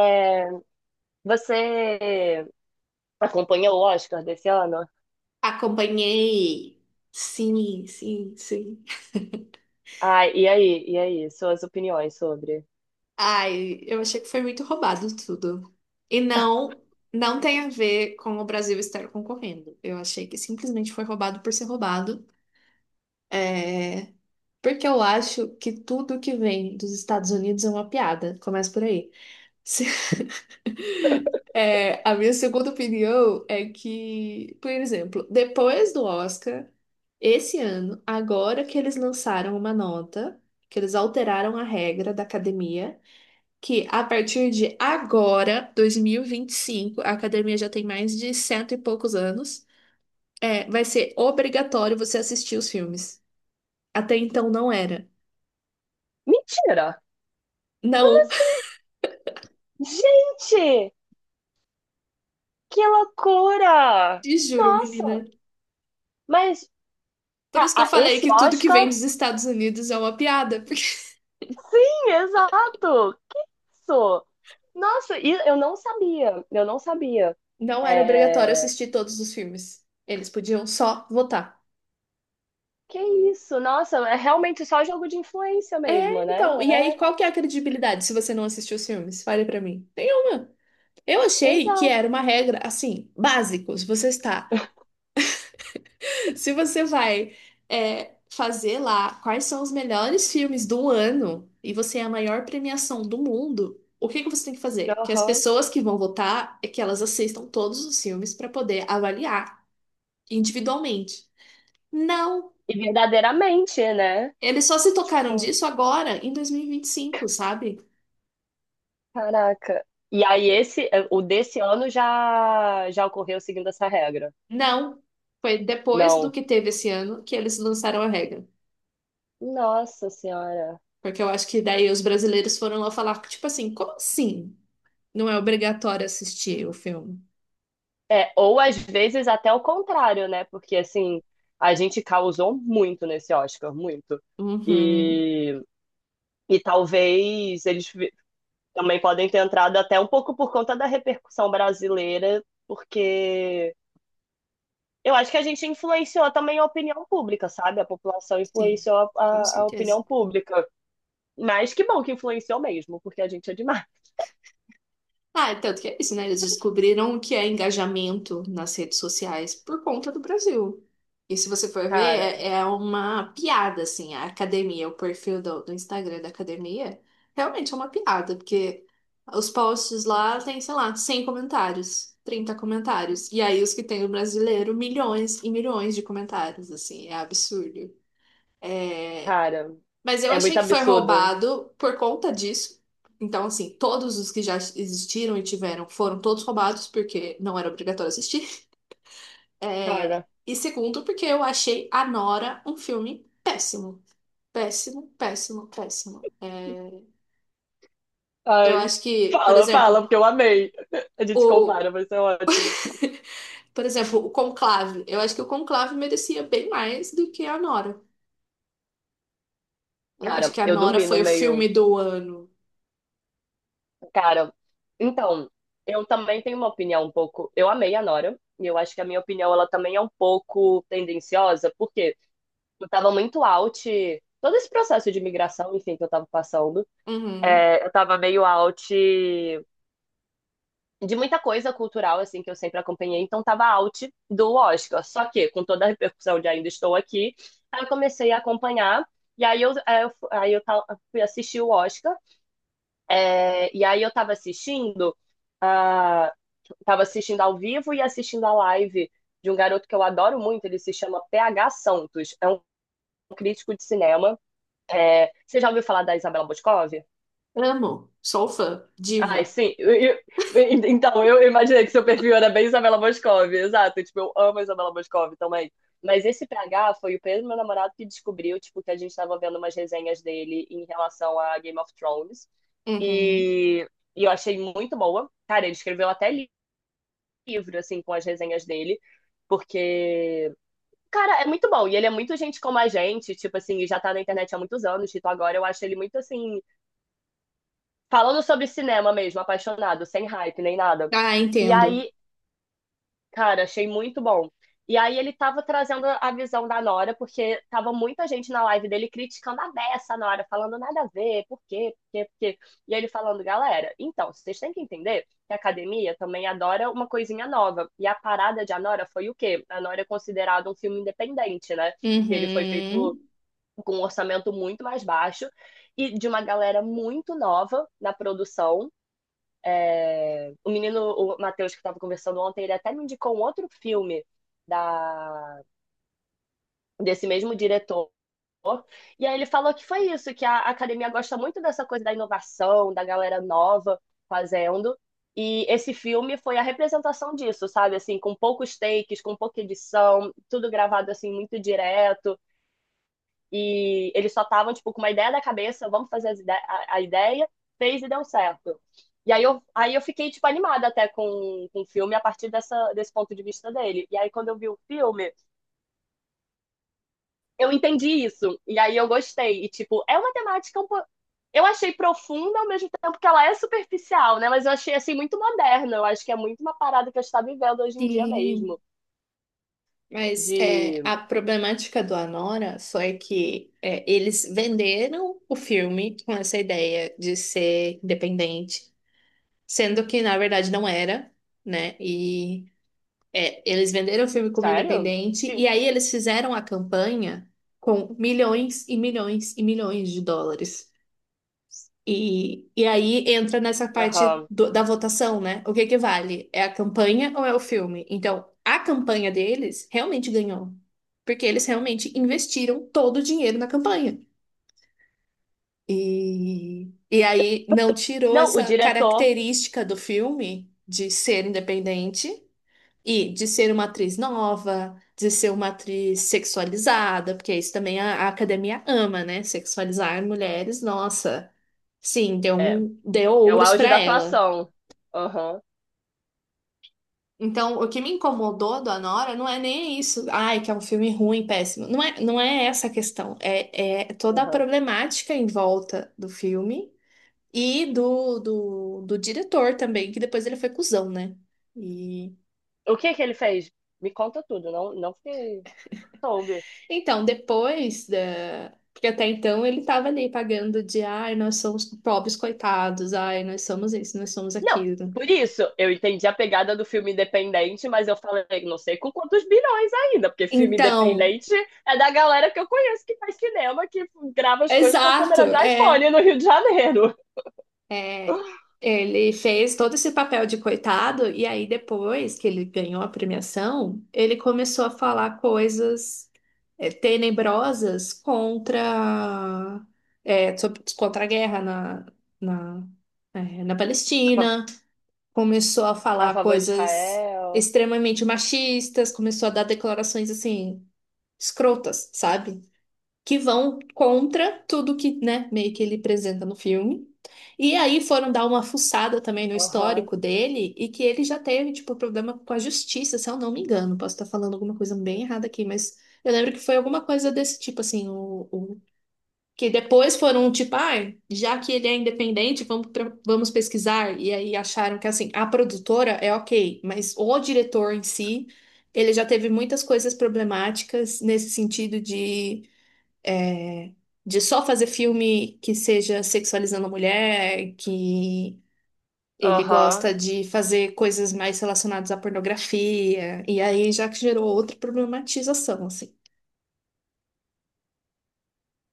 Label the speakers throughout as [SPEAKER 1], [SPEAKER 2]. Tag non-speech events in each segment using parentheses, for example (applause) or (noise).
[SPEAKER 1] É, você acompanhou o Oscar desse ano?
[SPEAKER 2] Acompanhei. Sim, sim, sim.
[SPEAKER 1] Ah, e aí? E aí? Suas opiniões sobre?
[SPEAKER 2] Ai, eu achei que foi muito roubado tudo. E não tem a ver com o Brasil estar concorrendo. Eu achei que simplesmente foi roubado por ser roubado, porque eu acho que tudo que vem dos Estados Unidos é uma piada. Começa por aí. Se- (laughs) É, a minha segunda opinião é que, por exemplo, depois do Oscar, esse ano, agora que eles lançaram uma nota, que eles alteraram a regra da academia, que a partir de agora, dois mil e vinte e cinco, a academia já tem mais de cento e poucos anos, é, vai ser obrigatório você assistir os filmes. Até então não era.
[SPEAKER 1] Mentira! Como
[SPEAKER 2] Não, (laughs)
[SPEAKER 1] assim? Gente! Que loucura!
[SPEAKER 2] te juro, menina.
[SPEAKER 1] Nossa! Mas
[SPEAKER 2] Por isso que eu falei
[SPEAKER 1] esse
[SPEAKER 2] que tudo que vem
[SPEAKER 1] Oscar?
[SPEAKER 2] dos Estados Unidos é uma piada. (laughs)
[SPEAKER 1] Sim, exato! Que isso? Nossa, e eu não sabia. Eu não sabia.
[SPEAKER 2] Não era obrigatório
[SPEAKER 1] É...
[SPEAKER 2] assistir todos os filmes. Eles podiam só votar.
[SPEAKER 1] Que isso? Nossa, é realmente só jogo de influência mesmo,
[SPEAKER 2] É,
[SPEAKER 1] né?
[SPEAKER 2] então,
[SPEAKER 1] Não
[SPEAKER 2] e aí
[SPEAKER 1] é?
[SPEAKER 2] qual que é a credibilidade se você não assistiu os filmes? Fale pra mim. Nenhuma. Eu achei que
[SPEAKER 1] Exato.
[SPEAKER 2] era uma regra, assim, básico. Se você está, (laughs) se você vai, é, fazer lá quais são os melhores filmes do ano e você é a maior premiação do mundo, o que que você tem que fazer? Que as
[SPEAKER 1] Aham.
[SPEAKER 2] pessoas que vão votar é que elas assistam todos os filmes para poder avaliar individualmente. Não.
[SPEAKER 1] E verdadeiramente, né?
[SPEAKER 2] Eles só se tocaram
[SPEAKER 1] Sim.
[SPEAKER 2] disso agora, em dois mil e vinte e cinco, sabe?
[SPEAKER 1] Caraca. E aí esse, o desse ano já ocorreu seguindo essa regra.
[SPEAKER 2] Não. Foi depois do
[SPEAKER 1] Não.
[SPEAKER 2] que teve esse ano que eles lançaram a regra.
[SPEAKER 1] Nossa Senhora.
[SPEAKER 2] Porque eu acho que daí os brasileiros foram lá falar, tipo assim, como assim? Não é obrigatório assistir o filme?
[SPEAKER 1] É, ou às vezes até o contrário, né? Porque assim, a gente causou muito nesse Oscar, muito.
[SPEAKER 2] Uhum.
[SPEAKER 1] E, e talvez eles vi- também podem ter entrado até um pouco por conta da repercussão brasileira, porque eu acho que a gente influenciou também a opinião pública, sabe? A população
[SPEAKER 2] Sim,
[SPEAKER 1] influenciou a,
[SPEAKER 2] com
[SPEAKER 1] a- a opinião
[SPEAKER 2] certeza.
[SPEAKER 1] pública. Mas que bom que influenciou mesmo, porque a gente é demais.
[SPEAKER 2] Ah, é tanto que é isso, né? Eles descobriram o que é engajamento nas redes sociais por conta do Brasil. E se você for ver,
[SPEAKER 1] Cara,
[SPEAKER 2] é, é uma piada, assim, a academia, o perfil do Instagram da academia, realmente é uma piada, porque os posts lá tem, sei lá, 100 comentários, 30 comentários. E aí os que tem o brasileiro, milhões e milhões de comentários, assim, é absurdo.
[SPEAKER 1] cara,
[SPEAKER 2] Mas eu
[SPEAKER 1] é
[SPEAKER 2] achei
[SPEAKER 1] muito
[SPEAKER 2] que foi
[SPEAKER 1] absurdo.
[SPEAKER 2] roubado por conta disso. Então, assim, todos os que já existiram e tiveram foram todos roubados, porque não era obrigatório assistir. É.
[SPEAKER 1] Cara,
[SPEAKER 2] E segundo, porque eu achei A Nora um filme péssimo. Péssimo, péssimo, péssimo. É, eu
[SPEAKER 1] ai.
[SPEAKER 2] acho que, por
[SPEAKER 1] Fala, fala,
[SPEAKER 2] exemplo,
[SPEAKER 1] porque eu amei. A gente
[SPEAKER 2] o...
[SPEAKER 1] compara, vai ser ótimo.
[SPEAKER 2] Por exemplo, o Conclave. Eu acho que o Conclave merecia bem mais do que A Nora. Eu não acho
[SPEAKER 1] Cara,
[SPEAKER 2] que A
[SPEAKER 1] eu
[SPEAKER 2] Nora
[SPEAKER 1] dormi no
[SPEAKER 2] foi o filme
[SPEAKER 1] meio.
[SPEAKER 2] do ano.
[SPEAKER 1] Cara, então, eu também tenho uma opinião um pouco. Eu amei a Nora, e eu acho que a minha opinião ela também é um pouco tendenciosa, porque eu tava muito out. Todo esse processo de imigração, enfim, que eu tava passando,
[SPEAKER 2] Uhum.
[SPEAKER 1] eu tava meio out de muita coisa cultural, assim, que eu sempre acompanhei, então tava out do Oscar. Só que, com toda a repercussão de ainda estou aqui, aí eu comecei a acompanhar, e aí eu, aí eu, aí eu ta- fui assistir o Oscar, e aí eu tava assistindo, ah, tava assistindo ao vivo e assistindo a live de um garoto que eu adoro muito, ele se chama PH Santos, é um crítico de cinema. É, você já ouviu falar da Isabela Boscov?
[SPEAKER 2] Amo. Sou fã.
[SPEAKER 1] Ai,
[SPEAKER 2] Diva.
[SPEAKER 1] sim. Então, eu imaginei que seu perfil era bem Isabela Boscov, exato. Tipo, eu amo a Isabela Boscov também. Mas esse PH foi o mesmo meu namorado que descobriu, tipo, que a gente estava vendo umas resenhas dele em relação a Game of Thrones.
[SPEAKER 2] Uhum.
[SPEAKER 1] E, e eu achei muito boa. Cara, ele escreveu até livro, assim, com as resenhas dele. Porque, cara, é muito bom. E ele é muito gente como a gente, tipo assim, e já tá na internet há muitos anos. Tipo, agora eu acho ele muito assim, falando sobre cinema mesmo, apaixonado, sem hype nem nada.
[SPEAKER 2] Ah,
[SPEAKER 1] E
[SPEAKER 2] entendo.
[SPEAKER 1] aí, cara, achei muito bom. E aí ele tava trazendo a visão da Nora, porque tava muita gente na live dele criticando a beça a Nora, falando nada a ver, por quê, por quê, por quê. E ele falando, galera, então, vocês têm que entender que a academia também adora uma coisinha nova. E a parada de A Nora foi o quê? A Nora é considerado um filme independente, né? Que ele foi feito
[SPEAKER 2] Uhum.
[SPEAKER 1] com um orçamento muito mais baixo e de uma galera muito nova na produção. O menino, o Matheus, que estava conversando ontem, ele até me indicou um outro filme da, desse mesmo diretor. E aí ele falou que foi isso, que a academia gosta muito dessa coisa da inovação, da galera nova fazendo. E esse filme foi a representação disso, sabe? Assim, com poucos takes, com pouca edição, tudo gravado assim muito direto. E eles só estavam, tipo, com uma ideia na cabeça, vamos fazer a ideia, fez e deu certo. E aí eu fiquei, tipo, animada até com o filme a partir desse ponto de vista dele. E aí quando eu vi o filme, eu entendi isso. E aí eu gostei. E, tipo, é uma temática Eu achei profunda ao mesmo tempo que ela é superficial, né? Mas eu achei, assim, muito moderna. Eu acho que é muito uma parada que a gente tá vivendo hoje em dia
[SPEAKER 2] Sim.
[SPEAKER 1] mesmo.
[SPEAKER 2] Mas é,
[SPEAKER 1] De...
[SPEAKER 2] a problemática do Anora só é que é, eles venderam o filme com essa ideia de ser independente, sendo que na verdade não era, né? E é, eles venderam o filme como
[SPEAKER 1] Sério?
[SPEAKER 2] independente, e aí eles fizeram a campanha com milhões e milhões e milhões de dólares. E, aí entra nessa parte
[SPEAKER 1] Aham.
[SPEAKER 2] do- da votação, né? O que que vale? É a campanha ou é o filme? Então, a campanha deles realmente ganhou, porque eles realmente investiram todo o dinheiro na campanha. E, aí não tirou
[SPEAKER 1] Não, o
[SPEAKER 2] essa
[SPEAKER 1] diretor...
[SPEAKER 2] característica do filme de ser independente e de ser uma atriz nova, de ser uma atriz sexualizada, porque isso também a academia ama, né? Sexualizar mulheres, nossa. Sim, deu
[SPEAKER 1] é,
[SPEAKER 2] um, deu
[SPEAKER 1] é o
[SPEAKER 2] ouros
[SPEAKER 1] auge
[SPEAKER 2] pra
[SPEAKER 1] da
[SPEAKER 2] ela.
[SPEAKER 1] atuação. Aham,
[SPEAKER 2] Então, o que me incomodou do Anora não é nem isso, ai, que é um filme ruim, péssimo. Não é, não é essa a questão. É, é toda a
[SPEAKER 1] aham.
[SPEAKER 2] problemática em volta do filme e do diretor também, que depois ele foi cuzão, né?
[SPEAKER 1] O que que ele fez? Me conta tudo, não, não fiquei... soube.
[SPEAKER 2] Então, depois da. Porque até então ele estava ali pagando de, ai, nós somos pobres coitados, ai, nós somos isso, nós somos
[SPEAKER 1] Não,
[SPEAKER 2] aquilo.
[SPEAKER 1] por isso, eu entendi a pegada do filme independente, mas eu falei, não sei com quantos bilhões ainda, porque filme
[SPEAKER 2] Então,
[SPEAKER 1] independente é da galera que eu conheço que faz cinema, que grava as coisas com a
[SPEAKER 2] exato,
[SPEAKER 1] câmera de
[SPEAKER 2] é,
[SPEAKER 1] iPhone no Rio de Janeiro.
[SPEAKER 2] é, ele fez todo esse papel de coitado, e aí depois que ele ganhou a premiação, ele começou a falar coisas, é, tenebrosas contra, é, contra a guerra na, na, é, na
[SPEAKER 1] A fa-
[SPEAKER 2] Palestina, começou a
[SPEAKER 1] a
[SPEAKER 2] falar
[SPEAKER 1] favor de
[SPEAKER 2] coisas
[SPEAKER 1] Israel.
[SPEAKER 2] extremamente machistas, começou a dar declarações assim escrotas, sabe? Que vão contra tudo que, né, meio que ele apresenta no filme. E aí foram dar uma fuçada também no
[SPEAKER 1] Aham,
[SPEAKER 2] histórico dele e que ele já teve, tipo, problema com a justiça, se eu não me engano. Posso estar falando alguma coisa bem errada aqui, mas eu lembro que foi alguma coisa desse tipo, assim, o, que depois foram tipo, ai, já que ele é independente, vamos, vamos pesquisar. E aí acharam que assim, a produtora é ok, mas o diretor em si, ele já teve muitas coisas problemáticas nesse sentido de, é, de só fazer filme que seja sexualizando a mulher, que ele
[SPEAKER 1] aham.
[SPEAKER 2] gosta de fazer coisas mais relacionadas à pornografia. E aí já que gerou outra problematização, assim.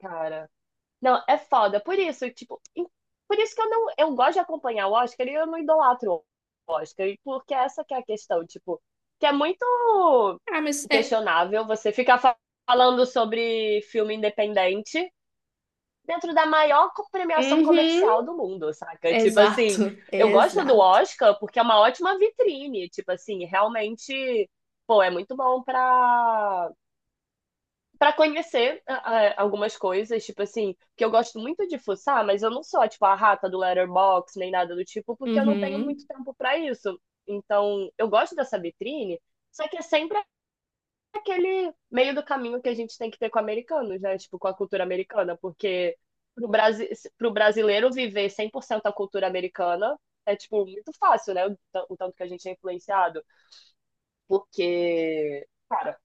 [SPEAKER 1] Cara. Não, é foda. Por isso, tipo, por isso que eu não, eu gosto de acompanhar o Oscar e eu não idolatro o Oscar, e porque essa que é a questão, tipo, que é muito
[SPEAKER 2] Ah, mas é.
[SPEAKER 1] questionável você ficar falando sobre filme independente dentro da maior premiação
[SPEAKER 2] Uhum,
[SPEAKER 1] comercial do mundo, saca? Tipo assim,
[SPEAKER 2] exato, (laughs)
[SPEAKER 1] eu gosto do
[SPEAKER 2] exato.
[SPEAKER 1] Oscar porque é uma ótima vitrine, tipo assim, realmente, pô, é muito bom pra para conhecer algumas coisas, tipo assim, que eu gosto muito de fuçar, mas eu não sou, tipo, a rata do Letterboxd, nem nada do tipo, porque eu não tenho muito
[SPEAKER 2] Uhum.
[SPEAKER 1] tempo para isso. Então, eu gosto dessa vitrine, só que é sempre aquele meio do caminho que a gente tem que ter com americanos, né? Tipo, com a cultura americana, porque pro, Brasi pro brasileiro viver 100% a cultura americana é, tipo, muito fácil, né? O, o tanto que a gente é influenciado, porque, cara,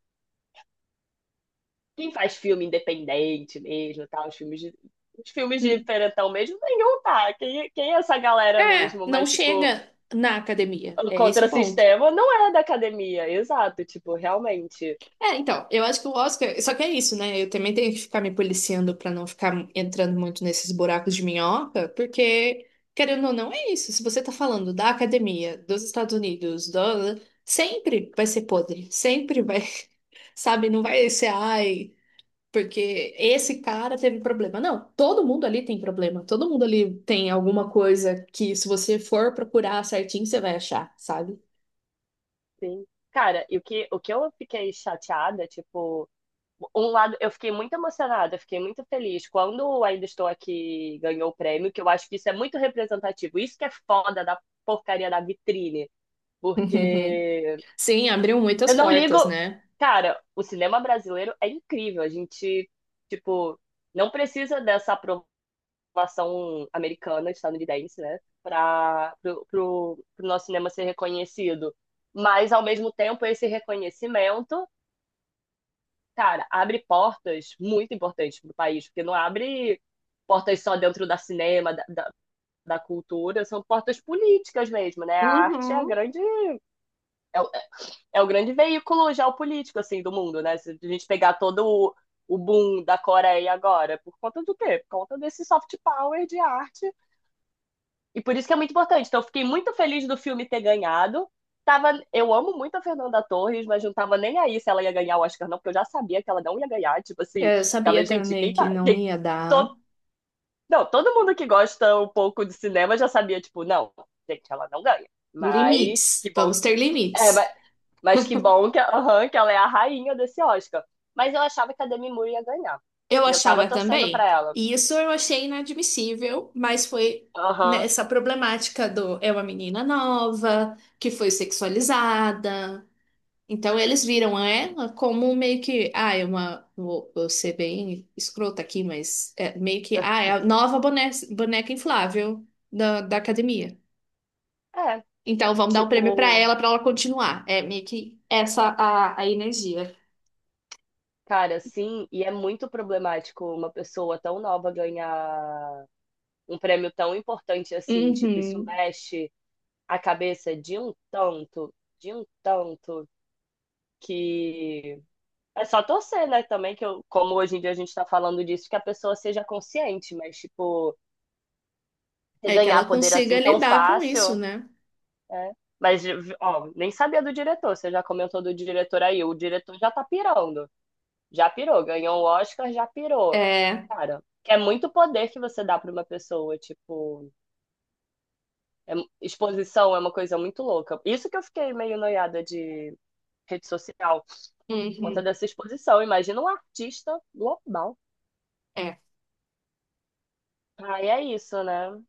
[SPEAKER 1] quem faz filme independente mesmo, tal, os filmes de diferentão mesmo, nenhum tá. Quem é essa galera
[SPEAKER 2] É,
[SPEAKER 1] mesmo?
[SPEAKER 2] não
[SPEAKER 1] Mas, tipo,
[SPEAKER 2] chega na academia. É esse
[SPEAKER 1] contra
[SPEAKER 2] o
[SPEAKER 1] o
[SPEAKER 2] ponto.
[SPEAKER 1] sistema não é da academia, exato, tipo, realmente.
[SPEAKER 2] É, então, eu acho que o Oscar. Só que é isso, né? Eu também tenho que ficar me policiando pra não ficar entrando muito nesses buracos de minhoca, porque, querendo ou não, é isso. Se você tá falando da academia, dos Estados Unidos, do... sempre vai ser podre. Sempre vai, (laughs) sabe? Não vai ser, ai. Porque esse cara teve problema. Não, todo mundo ali tem problema. Todo mundo ali tem alguma coisa que, se você for procurar certinho, você vai achar, sabe?
[SPEAKER 1] Sim. Cara, e o que eu fiquei chateada, tipo, um lado, eu fiquei muito emocionada, eu fiquei muito feliz quando o Ainda Estou Aqui ganhou o prêmio, que eu acho que isso é muito representativo. Isso que é foda da porcaria da vitrine,
[SPEAKER 2] (laughs)
[SPEAKER 1] porque
[SPEAKER 2] Sim, abriu muitas
[SPEAKER 1] eu não ligo.
[SPEAKER 2] portas, né?
[SPEAKER 1] Cara, o cinema brasileiro é incrível. A gente, tipo, não precisa dessa aprovação americana, estadunidense, né? Para pro nosso cinema ser reconhecido. Mas, ao mesmo tempo, esse reconhecimento, cara, abre portas muito importantes para o país, porque não abre portas só dentro da cinema, da cultura, são portas políticas mesmo, né? A arte é a
[SPEAKER 2] Uhum.
[SPEAKER 1] grande. É o grande veículo geopolítico, assim, do mundo, né? Se a gente pegar o boom da Coreia agora, por conta do quê? Por conta desse soft power de arte. E por isso que é muito importante. Então, eu fiquei muito feliz do filme ter ganhado. Tava, eu amo muito a Fernanda Torres, mas não tava nem aí se ela ia ganhar o Oscar, não, porque eu já sabia que ela não ia ganhar. Tipo assim,
[SPEAKER 2] Eu
[SPEAKER 1] ficava,
[SPEAKER 2] sabia
[SPEAKER 1] gente,
[SPEAKER 2] também
[SPEAKER 1] quem
[SPEAKER 2] que
[SPEAKER 1] tá.
[SPEAKER 2] não ia
[SPEAKER 1] To,
[SPEAKER 2] dar
[SPEAKER 1] não, todo mundo que gosta um pouco de cinema já sabia, tipo, não, gente, ela não ganha. Mas
[SPEAKER 2] limites.
[SPEAKER 1] que bom.
[SPEAKER 2] Vamos ter
[SPEAKER 1] É,
[SPEAKER 2] limites.
[SPEAKER 1] mas que bom que, aham, que ela é a rainha desse Oscar. Mas eu achava que a Demi Moore ia ganhar.
[SPEAKER 2] Eu
[SPEAKER 1] E eu tava
[SPEAKER 2] achava
[SPEAKER 1] torcendo pra
[SPEAKER 2] também.
[SPEAKER 1] ela.
[SPEAKER 2] E isso eu achei inadmissível, mas foi
[SPEAKER 1] Aham.
[SPEAKER 2] nessa problemática do é uma menina nova, que foi sexualizada. Então eles viram ela como meio que, ah, é uma, vou ser bem escrota aqui, mas é meio que, ah, é a nova boneca, inflável da, da academia.
[SPEAKER 1] É,
[SPEAKER 2] Então vamos dar o prêmio
[SPEAKER 1] tipo,
[SPEAKER 2] pra ela continuar. É meio que essa a energia.
[SPEAKER 1] cara, sim, e é muito problemático uma pessoa tão nova ganhar um prêmio tão importante assim, tipo, isso
[SPEAKER 2] Uhum.
[SPEAKER 1] mexe a cabeça de um tanto, que é só torcer, né, também, que eu, como hoje em dia a gente tá falando disso, que a pessoa seja consciente, mas, tipo, você
[SPEAKER 2] É que
[SPEAKER 1] ganhar
[SPEAKER 2] ela
[SPEAKER 1] poder
[SPEAKER 2] consiga
[SPEAKER 1] assim tão
[SPEAKER 2] lidar com isso,
[SPEAKER 1] fácil,
[SPEAKER 2] né?
[SPEAKER 1] é. Mas, ó, nem sabia do diretor. Você já comentou do diretor aí. O diretor já tá pirando. Já pirou. Ganhou o Oscar, já pirou.
[SPEAKER 2] É.
[SPEAKER 1] Cara, que é muito poder que você dá pra uma pessoa. Tipo, é- exposição é uma coisa muito louca. Isso que eu fiquei meio noiada de rede social, por conta
[SPEAKER 2] Uhum.
[SPEAKER 1] dessa exposição. Imagina um artista global.
[SPEAKER 2] É.
[SPEAKER 1] Aí é isso, né?